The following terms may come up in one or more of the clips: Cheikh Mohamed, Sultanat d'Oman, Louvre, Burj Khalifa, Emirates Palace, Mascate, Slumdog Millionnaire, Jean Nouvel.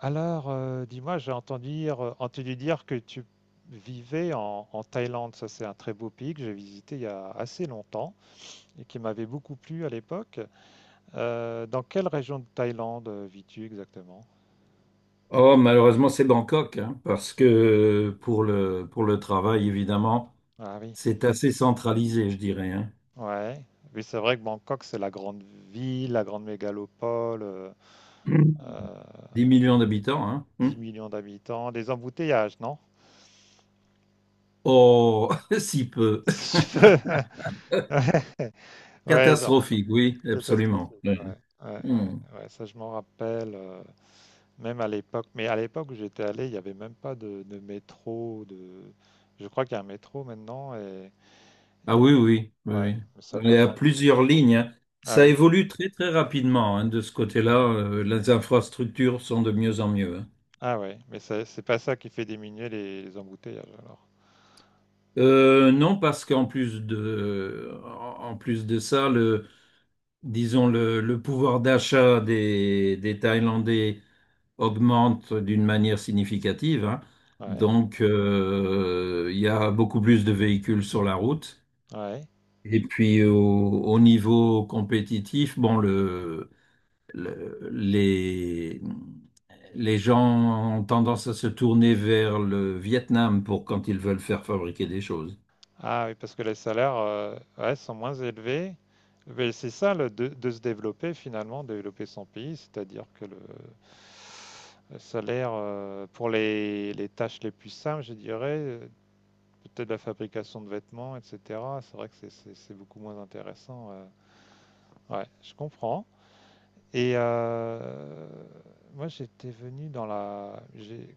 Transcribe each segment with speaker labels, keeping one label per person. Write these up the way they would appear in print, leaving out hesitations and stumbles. Speaker 1: Dis-moi, j'ai entendu dire que tu vivais en Thaïlande. Ça, c'est un très beau pays que j'ai visité il y a assez longtemps et qui m'avait beaucoup plu à l'époque. Dans quelle région de Thaïlande vis-tu exactement?
Speaker 2: Oh, malheureusement, c'est Bangkok, hein, parce que pour le travail, évidemment,
Speaker 1: Ah oui,
Speaker 2: c'est assez centralisé, je dirais, hein.
Speaker 1: ouais. Oui, c'est vrai que Bangkok, c'est la grande ville, la grande mégalopole,
Speaker 2: Mm.
Speaker 1: euh,
Speaker 2: 10 millions d'habitants, hein. Mm.
Speaker 1: 10 millions d'habitants, des embouteillages, non?
Speaker 2: Oh, si peu.
Speaker 1: Ouais, ouais, genre
Speaker 2: Catastrophique, oui, absolument.
Speaker 1: catastrophique.
Speaker 2: Ouais.
Speaker 1: Ouais, ouais,
Speaker 2: Mm.
Speaker 1: ouais, ouais, ça je m'en rappelle. Même à l'époque, mais à l'époque où j'étais allé, il n'y avait même pas de métro, de... Je crois qu'il y a un métro maintenant et,
Speaker 2: Ah
Speaker 1: et-
Speaker 2: oui, oui, oui,
Speaker 1: ouais, mais ça n'a
Speaker 2: oui. Il
Speaker 1: pas
Speaker 2: y a
Speaker 1: changé.
Speaker 2: plusieurs lignes, hein.
Speaker 1: Ah
Speaker 2: Ça
Speaker 1: oui,
Speaker 2: évolue très, très rapidement, hein, de ce côté-là. Les infrastructures sont de mieux en mieux, hein.
Speaker 1: ah ouais, mais c'est pas ça qui fait diminuer les embouteillages alors.
Speaker 2: Non, parce qu'en plus de ça, disons, le pouvoir d'achat des Thaïlandais
Speaker 1: Mhm.
Speaker 2: augmente d'une manière significative, hein.
Speaker 1: Ouais,
Speaker 2: Donc, il y a beaucoup plus de véhicules sur la route.
Speaker 1: ouais.
Speaker 2: Et puis, au niveau compétitif, bon, le- les, les gens ont tendance à se tourner vers le Vietnam pour quand ils veulent faire fabriquer des choses.
Speaker 1: Ah oui, parce que les salaires, ouais, sont moins élevés. Mais c'est ça le, de se développer finalement, développer son pays, c'est-à-dire que le salaire pour les tâches les plus simples, je dirais, peut-être la fabrication de vêtements, etc. C'est vrai que c'est beaucoup moins intéressant. Ouais, je comprends. Et moi, j'étais venu dans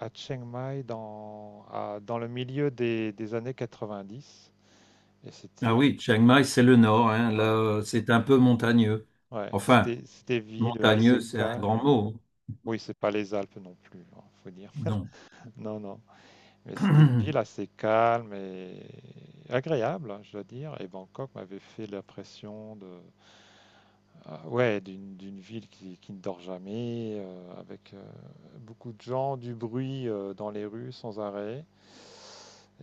Speaker 1: à Chiang Mai dans le milieu des années 90. Et
Speaker 2: Ah oui, Chiang Mai, c'est le nord, hein.
Speaker 1: ouais,
Speaker 2: Là, c'est un peu montagneux.
Speaker 1: ouais,
Speaker 2: Enfin,
Speaker 1: c'était, c'était ville
Speaker 2: montagneux,
Speaker 1: assez
Speaker 2: c'est un grand
Speaker 1: calme.
Speaker 2: mot, hein.
Speaker 1: Oui, c'est pas les Alpes non plus, hein, faut dire.
Speaker 2: Non.
Speaker 1: Non, non. Mais c'était une ville assez calme et agréable, hein, je dois dire. Et Bangkok m'avait fait l'impression de... Ah ouais, d'une ville qui ne dort jamais, avec beaucoup de gens, du bruit dans les rues sans arrêt.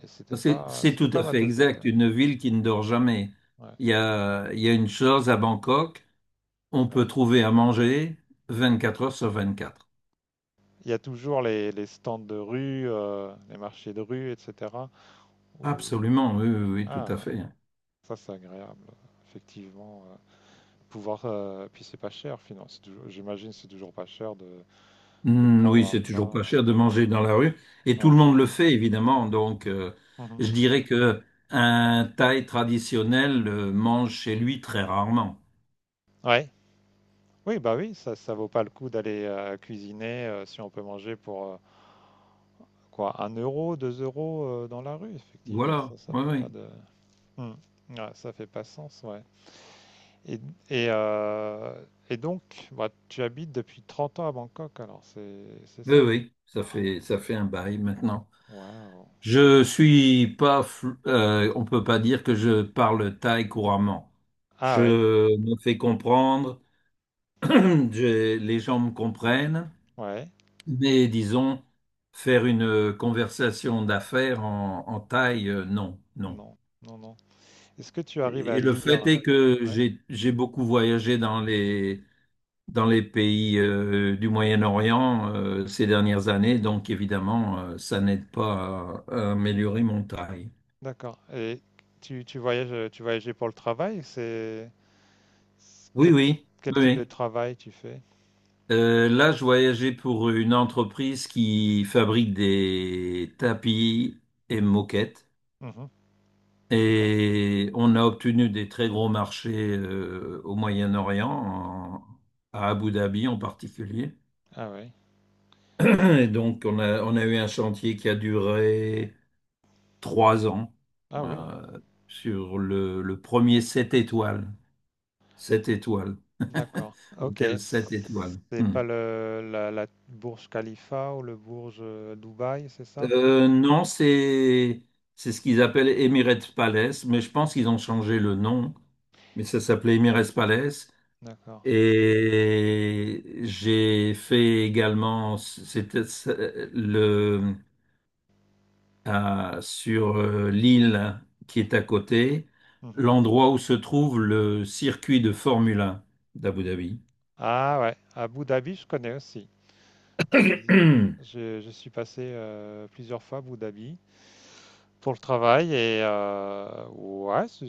Speaker 1: Et c'était
Speaker 2: C'est,
Speaker 1: pas,
Speaker 2: c'est
Speaker 1: c'était
Speaker 2: tout
Speaker 1: pas
Speaker 2: à
Speaker 1: ma
Speaker 2: fait
Speaker 1: tasse de thé.
Speaker 2: exact. Une ville qui ne dort jamais.
Speaker 1: Ouais,
Speaker 2: Il y a une chose à Bangkok, on peut
Speaker 1: ouais.
Speaker 2: trouver à manger 24 heures sur 24.
Speaker 1: Il y a toujours les stands de rue, les marchés de rue, etc. où-
Speaker 2: Absolument, oui, oui, oui, tout
Speaker 1: Ah,
Speaker 2: à fait.
Speaker 1: ça c'est agréable, effectivement. Puis c'est pas cher, finalement. J'imagine c'est toujours pas cher de
Speaker 2: Hmm,
Speaker 1: prendre
Speaker 2: oui,
Speaker 1: un
Speaker 2: c'est toujours pas
Speaker 1: plat.
Speaker 2: cher de manger dans la rue. Et tout
Speaker 1: Ouais.
Speaker 2: le monde le fait, évidemment. Donc, je
Speaker 1: Mhm.
Speaker 2: dirais que un Thaï traditionnel mange chez lui très rarement.
Speaker 1: Ouais. Oui, bah oui, ça vaut pas le coup d'aller cuisiner si on peut manger pour quoi, 1 euro, deux euros dans la rue, effectivement,
Speaker 2: Voilà,
Speaker 1: ça
Speaker 2: oui,
Speaker 1: fait pas
Speaker 2: oui.
Speaker 1: de... Hmm. Ouais, ça fait pas sens, ouais. Et, et, euh, et donc, bah, tu habites depuis 30 ans à Bangkok, alors c'est
Speaker 2: Oui,
Speaker 1: ça?
Speaker 2: oui, ça
Speaker 1: Oh,
Speaker 2: fait, ça fait un bail maintenant.
Speaker 1: waouh.
Speaker 2: Je suis pas, fl- On peut pas dire que je parle thaï couramment.
Speaker 1: Ah oui,
Speaker 2: Je me fais comprendre, les gens me comprennent,
Speaker 1: ouais,
Speaker 2: mais disons, faire une conversation d'affaires en thaï, non, non.
Speaker 1: non, non, non. Est-ce que tu arrives
Speaker 2: Et
Speaker 1: à
Speaker 2: et le fait
Speaker 1: lire?
Speaker 2: est que
Speaker 1: Ouais,
Speaker 2: j'ai beaucoup voyagé dans les pays du Moyen-Orient ces dernières années, donc évidemment, ça n'aide pas à, à améliorer mon thaï.
Speaker 1: d'accord. Et tu voyageais pour le travail, c'est
Speaker 2: Oui,
Speaker 1: quel,
Speaker 2: oui,
Speaker 1: quel
Speaker 2: oui,
Speaker 1: type de
Speaker 2: oui.
Speaker 1: travail tu fais?
Speaker 2: Là, je voyageais pour une entreprise qui fabrique des tapis et moquettes.
Speaker 1: D'accord.
Speaker 2: Et on a obtenu des très gros marchés au Moyen-Orient, à Abu Dhabi en particulier.
Speaker 1: Ah oui.
Speaker 2: Et donc, on a eu un chantier qui a duré trois ans,
Speaker 1: Ah oui,
Speaker 2: euh, sur le premier sept étoiles. Sept étoiles.
Speaker 1: d'accord. Ok.
Speaker 2: Hôtel sept étoiles.
Speaker 1: C'est
Speaker 2: Hmm.
Speaker 1: pas la Burj Khalifa ou le Burj Dubaï, c'est ça?
Speaker 2: Non, c'est ce qu'ils appellent Emirates Palace, mais je pense qu'ils ont changé le nom. Mais ça s'appelait Emirates Palace.
Speaker 1: D'accord.
Speaker 2: Et j'ai fait également, c'était le sur l'île qui est à côté,
Speaker 1: Mhm.
Speaker 2: l'endroit où se trouve le circuit de Formule 1 d'Abu Dhabi.
Speaker 1: Ah ouais, Abu Dhabi, je connais aussi. J'ai visi- je suis passé plusieurs fois à Abu Dhabi pour le travail et ouais,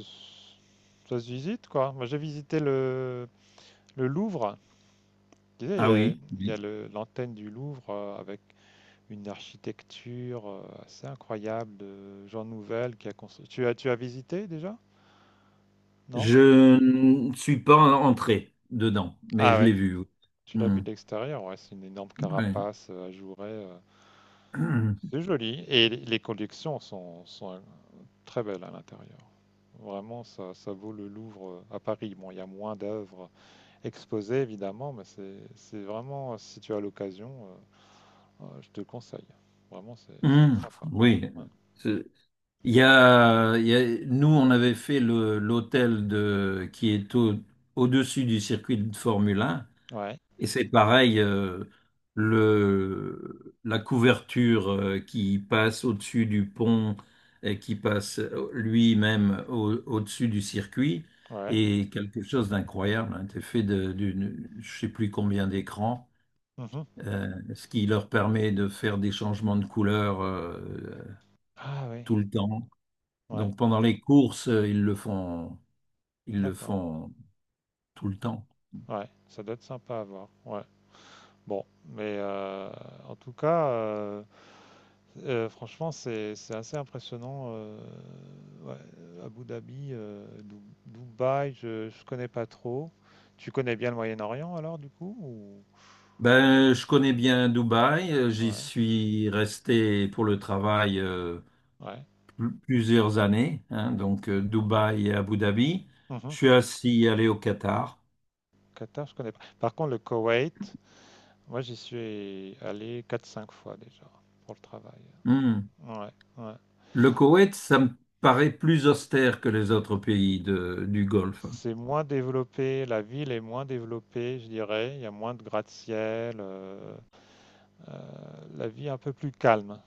Speaker 1: ça se visite quoi. Moi j'ai visité le Louvre. Tu sais,
Speaker 2: Ah oui,
Speaker 1: il y a
Speaker 2: oui.
Speaker 1: l'antenne du Louvre avec une architecture assez incroyable de Jean Nouvel qui a construit. Tu as visité déjà? Non?
Speaker 2: Je ne suis pas entré dedans, mais
Speaker 1: Ah
Speaker 2: je
Speaker 1: ouais,
Speaker 2: l'ai vu, oui.
Speaker 1: tu l'as vu
Speaker 2: Hmm,
Speaker 1: de l'extérieur, ouais, c'est une énorme
Speaker 2: ouais.
Speaker 1: carapace, ajourée.
Speaker 2: Hum,
Speaker 1: C'est joli. Et les collections sont très belles à l'intérieur. Vraiment, ça vaut le Louvre à Paris. Bon, il y a moins d'œuvres exposées, évidemment, mais c'est vraiment, si tu as l'occasion, je te le conseille. Vraiment, c'est très
Speaker 2: hum,
Speaker 1: sympa.
Speaker 2: oui.
Speaker 1: Ouais,
Speaker 2: C'est- il y a- nous on avait fait le l'hôtel de qui est au-dessus du circuit de Formule 1
Speaker 1: ouais.
Speaker 2: et c'est pareil, le la couverture qui passe au-dessus du pont et qui passe lui-même au-dessus du circuit
Speaker 1: ouais.
Speaker 2: et quelque chose d'incroyable, hein. C'est fait de, d'une je sais plus combien d'écrans,
Speaker 1: Mhm.
Speaker 2: ce qui leur permet de faire des changements de couleur,
Speaker 1: Ah oui,
Speaker 2: tout le temps.
Speaker 1: ouais,
Speaker 2: Donc pendant les courses, ils le
Speaker 1: d'accord.
Speaker 2: font tout le temps.
Speaker 1: Ouais, ça doit être sympa à voir. Ouais. Bon, en tout cas, franchement, c'est assez impressionnant. Ouais, Abu Dhabi, Dubaï, je connais pas trop. Tu connais bien le Moyen-Orient alors du coup ou...
Speaker 2: Ben, je connais bien Dubaï, j'y
Speaker 1: Ouais,
Speaker 2: suis resté pour le travail,
Speaker 1: ouais,
Speaker 2: plusieurs années, hein. Donc
Speaker 1: d'accord.
Speaker 2: Dubaï et Abu Dhabi. Je
Speaker 1: Mhm.
Speaker 2: suis aussi allé au Qatar.
Speaker 1: Qatar, je connais pas. Par contre, le Koweït, moi j'y suis allé 4 ou 5 fois déjà pour le travail.
Speaker 2: Hmm.
Speaker 1: Ouais, ouais.
Speaker 2: Le Koweït, ça me paraît plus austère que les autres pays du Golfe.
Speaker 1: C'est moins développé, la ville est moins développée, je dirais. Il y a moins de gratte-ciel, euh, la vie est un peu plus calme.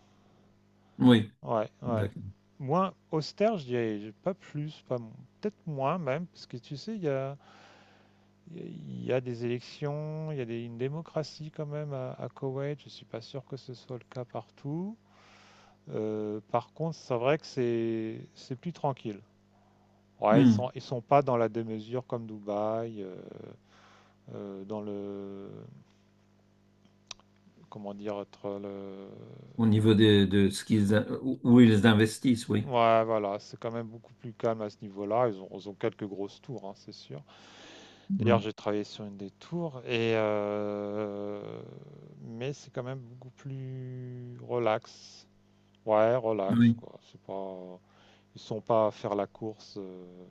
Speaker 2: Oui,
Speaker 1: Ouais, ouais.
Speaker 2: d'accord.
Speaker 1: Moins austère, je dirais, pas plus, pas mo- peut-être moins même, parce que tu sais, il y a des élections, il y a une démocratie quand même à Koweït. Je suis pas sûr que ce soit le cas partout. Par contre, c'est vrai que c'est plus tranquille. Ouais, ils sont
Speaker 2: Hmm.
Speaker 1: ils sont pas dans la démesure comme Dubaï. Euh, dans le, Comment dire,
Speaker 2: Au niveau de ce qu'ils, où ils investissent, oui.
Speaker 1: Ouais, voilà, c'est quand même beaucoup plus calme à ce niveau-là. Ils ont quelques grosses tours, hein, c'est sûr. D'ailleurs,
Speaker 2: Mm.
Speaker 1: j'ai travaillé sur une des tours, et mais c'est quand même beaucoup plus relax. Ouais, relax,
Speaker 2: Oui.
Speaker 1: quoi. C'est pas... Ils sont pas à faire la course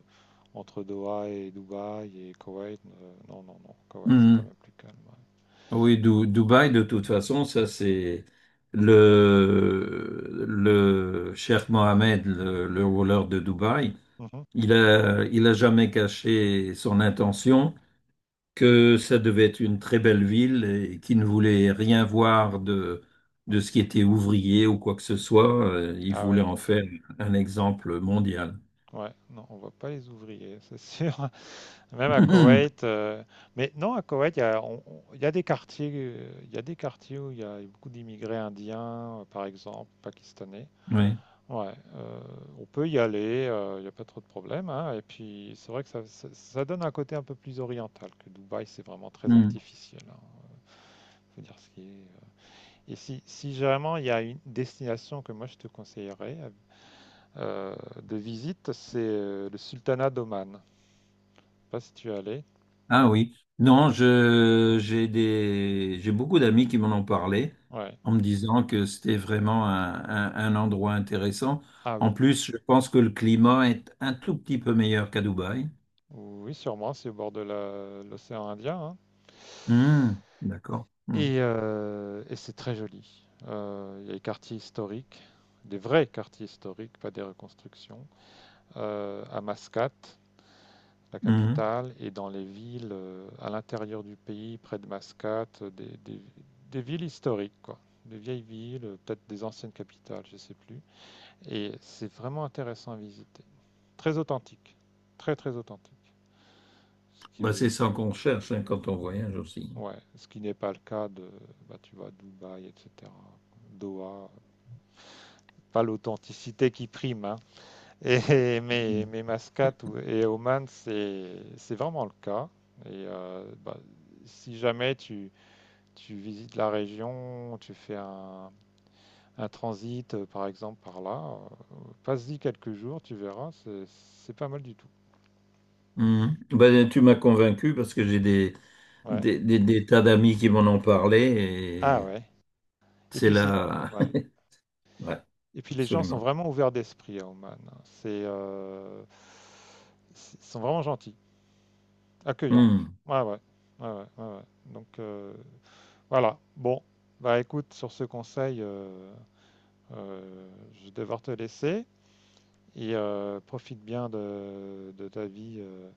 Speaker 1: entre Doha et Dubaï et Koweït. Non, non, non. Koweït, c'est quand
Speaker 2: Mm.
Speaker 1: même plus calme.
Speaker 2: Oui, Dubaï, de toute façon, ça c'est le Cheikh Mohamed, le ruler de Dubaï,
Speaker 1: Ouais. Mhm,
Speaker 2: il a jamais caché son intention que ça devait être une très belle ville et qu'il ne voulait rien voir de
Speaker 1: mhm.
Speaker 2: ce qui était ouvrier ou quoi que ce soit. Il
Speaker 1: Ah
Speaker 2: voulait
Speaker 1: oui,
Speaker 2: en faire un exemple mondial.
Speaker 1: ouais, non, on voit pas les ouvriers, c'est sûr. Même à Koweït, euh, mais non, à Koweït, il y a des quartiers, il y a des quartiers où il y a beaucoup d'immigrés indiens, par exemple, pakistanais.
Speaker 2: Oui.
Speaker 1: Ouais, on peut y aller, il n'y a pas trop de problèmes, hein, et puis, c'est vrai que ça ça donne un côté un peu plus oriental que Dubaï, c'est vraiment très
Speaker 2: Mm.
Speaker 1: artificiel, hein. Faut dire ce qui est. Et si, si vraiment il y a une destination que moi je te conseillerais euh, de visite, c'est le Sultanat d'Oman. Je sais pas si tu es allé.
Speaker 2: Ah oui, non, je j'ai des j'ai beaucoup d'amis qui m'en ont parlé
Speaker 1: Ouais.
Speaker 2: en me disant que c'était vraiment un endroit intéressant.
Speaker 1: Ah
Speaker 2: En
Speaker 1: oui,
Speaker 2: plus, je pense que le climat est un tout petit peu meilleur qu'à Dubaï.
Speaker 1: oui, sûrement, c'est au bord de l'océan Indien, hein.
Speaker 2: Hmm, d'accord. Hmm,
Speaker 1: Et et c'est très joli. Il y a des quartiers historiques, des vrais quartiers historiques, pas des reconstructions, à Mascate, la
Speaker 2: hmm.
Speaker 1: capitale, et dans les villes à l'intérieur du pays, près de Mascate, des villes historiques, quoi. Des vieilles villes, peut-être des anciennes capitales, je sais plus. Et c'est vraiment intéressant à visiter. Très authentique. Très, très authentique. Ce
Speaker 2: Bah, c'est
Speaker 1: que
Speaker 2: ça qu'on cherche, hein, quand on voyage aussi.
Speaker 1: Ouais, ce qui n'est pas le cas de, bah, tu vois, Dubaï, etc. Doha, pas l'authenticité qui prime, hein. Et, mais Mascate et Oman, c'est vraiment le cas. Et si jamais tu visites la région, tu fais un transit, par exemple, par là, passe-y quelques jours, tu verras, c'est pas mal du tout.
Speaker 2: Hmm. Bah, tu m'as convaincu parce que j'ai
Speaker 1: Ouais.
Speaker 2: des tas d'amis qui m'en ont parlé
Speaker 1: Ah
Speaker 2: et
Speaker 1: ouais. Et
Speaker 2: c'est
Speaker 1: puis c'est...
Speaker 2: là.
Speaker 1: Ouais.
Speaker 2: Ouais,
Speaker 1: Et puis les gens sont
Speaker 2: absolument.
Speaker 1: vraiment ouverts d'esprit à Oman, hein. C'est, ils sont vraiment gentils, accueillants.
Speaker 2: Hmm.
Speaker 1: Ouais, ouais, ouais, ouais, ouais, ouais. Voilà. Bon, bah écoute, sur ce conseil, je vais devoir te laisser et profite bien de ta vie euh,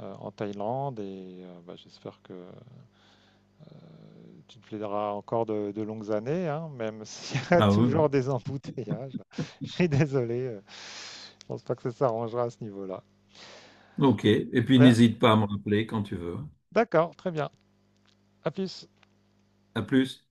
Speaker 1: euh, en Thaïlande et bah, j'espère que tu te plaideras encore de longues années, hein, même s'il y a
Speaker 2: Ah oui.
Speaker 1: toujours des embouteillages. Je suis désolé, je pense pas que ça s'arrangera à ce niveau-là.
Speaker 2: Ok. Et puis
Speaker 1: Ouais.
Speaker 2: n'hésite pas à me rappeler quand tu veux.
Speaker 1: D'accord, très bien. À plus.
Speaker 2: À plus.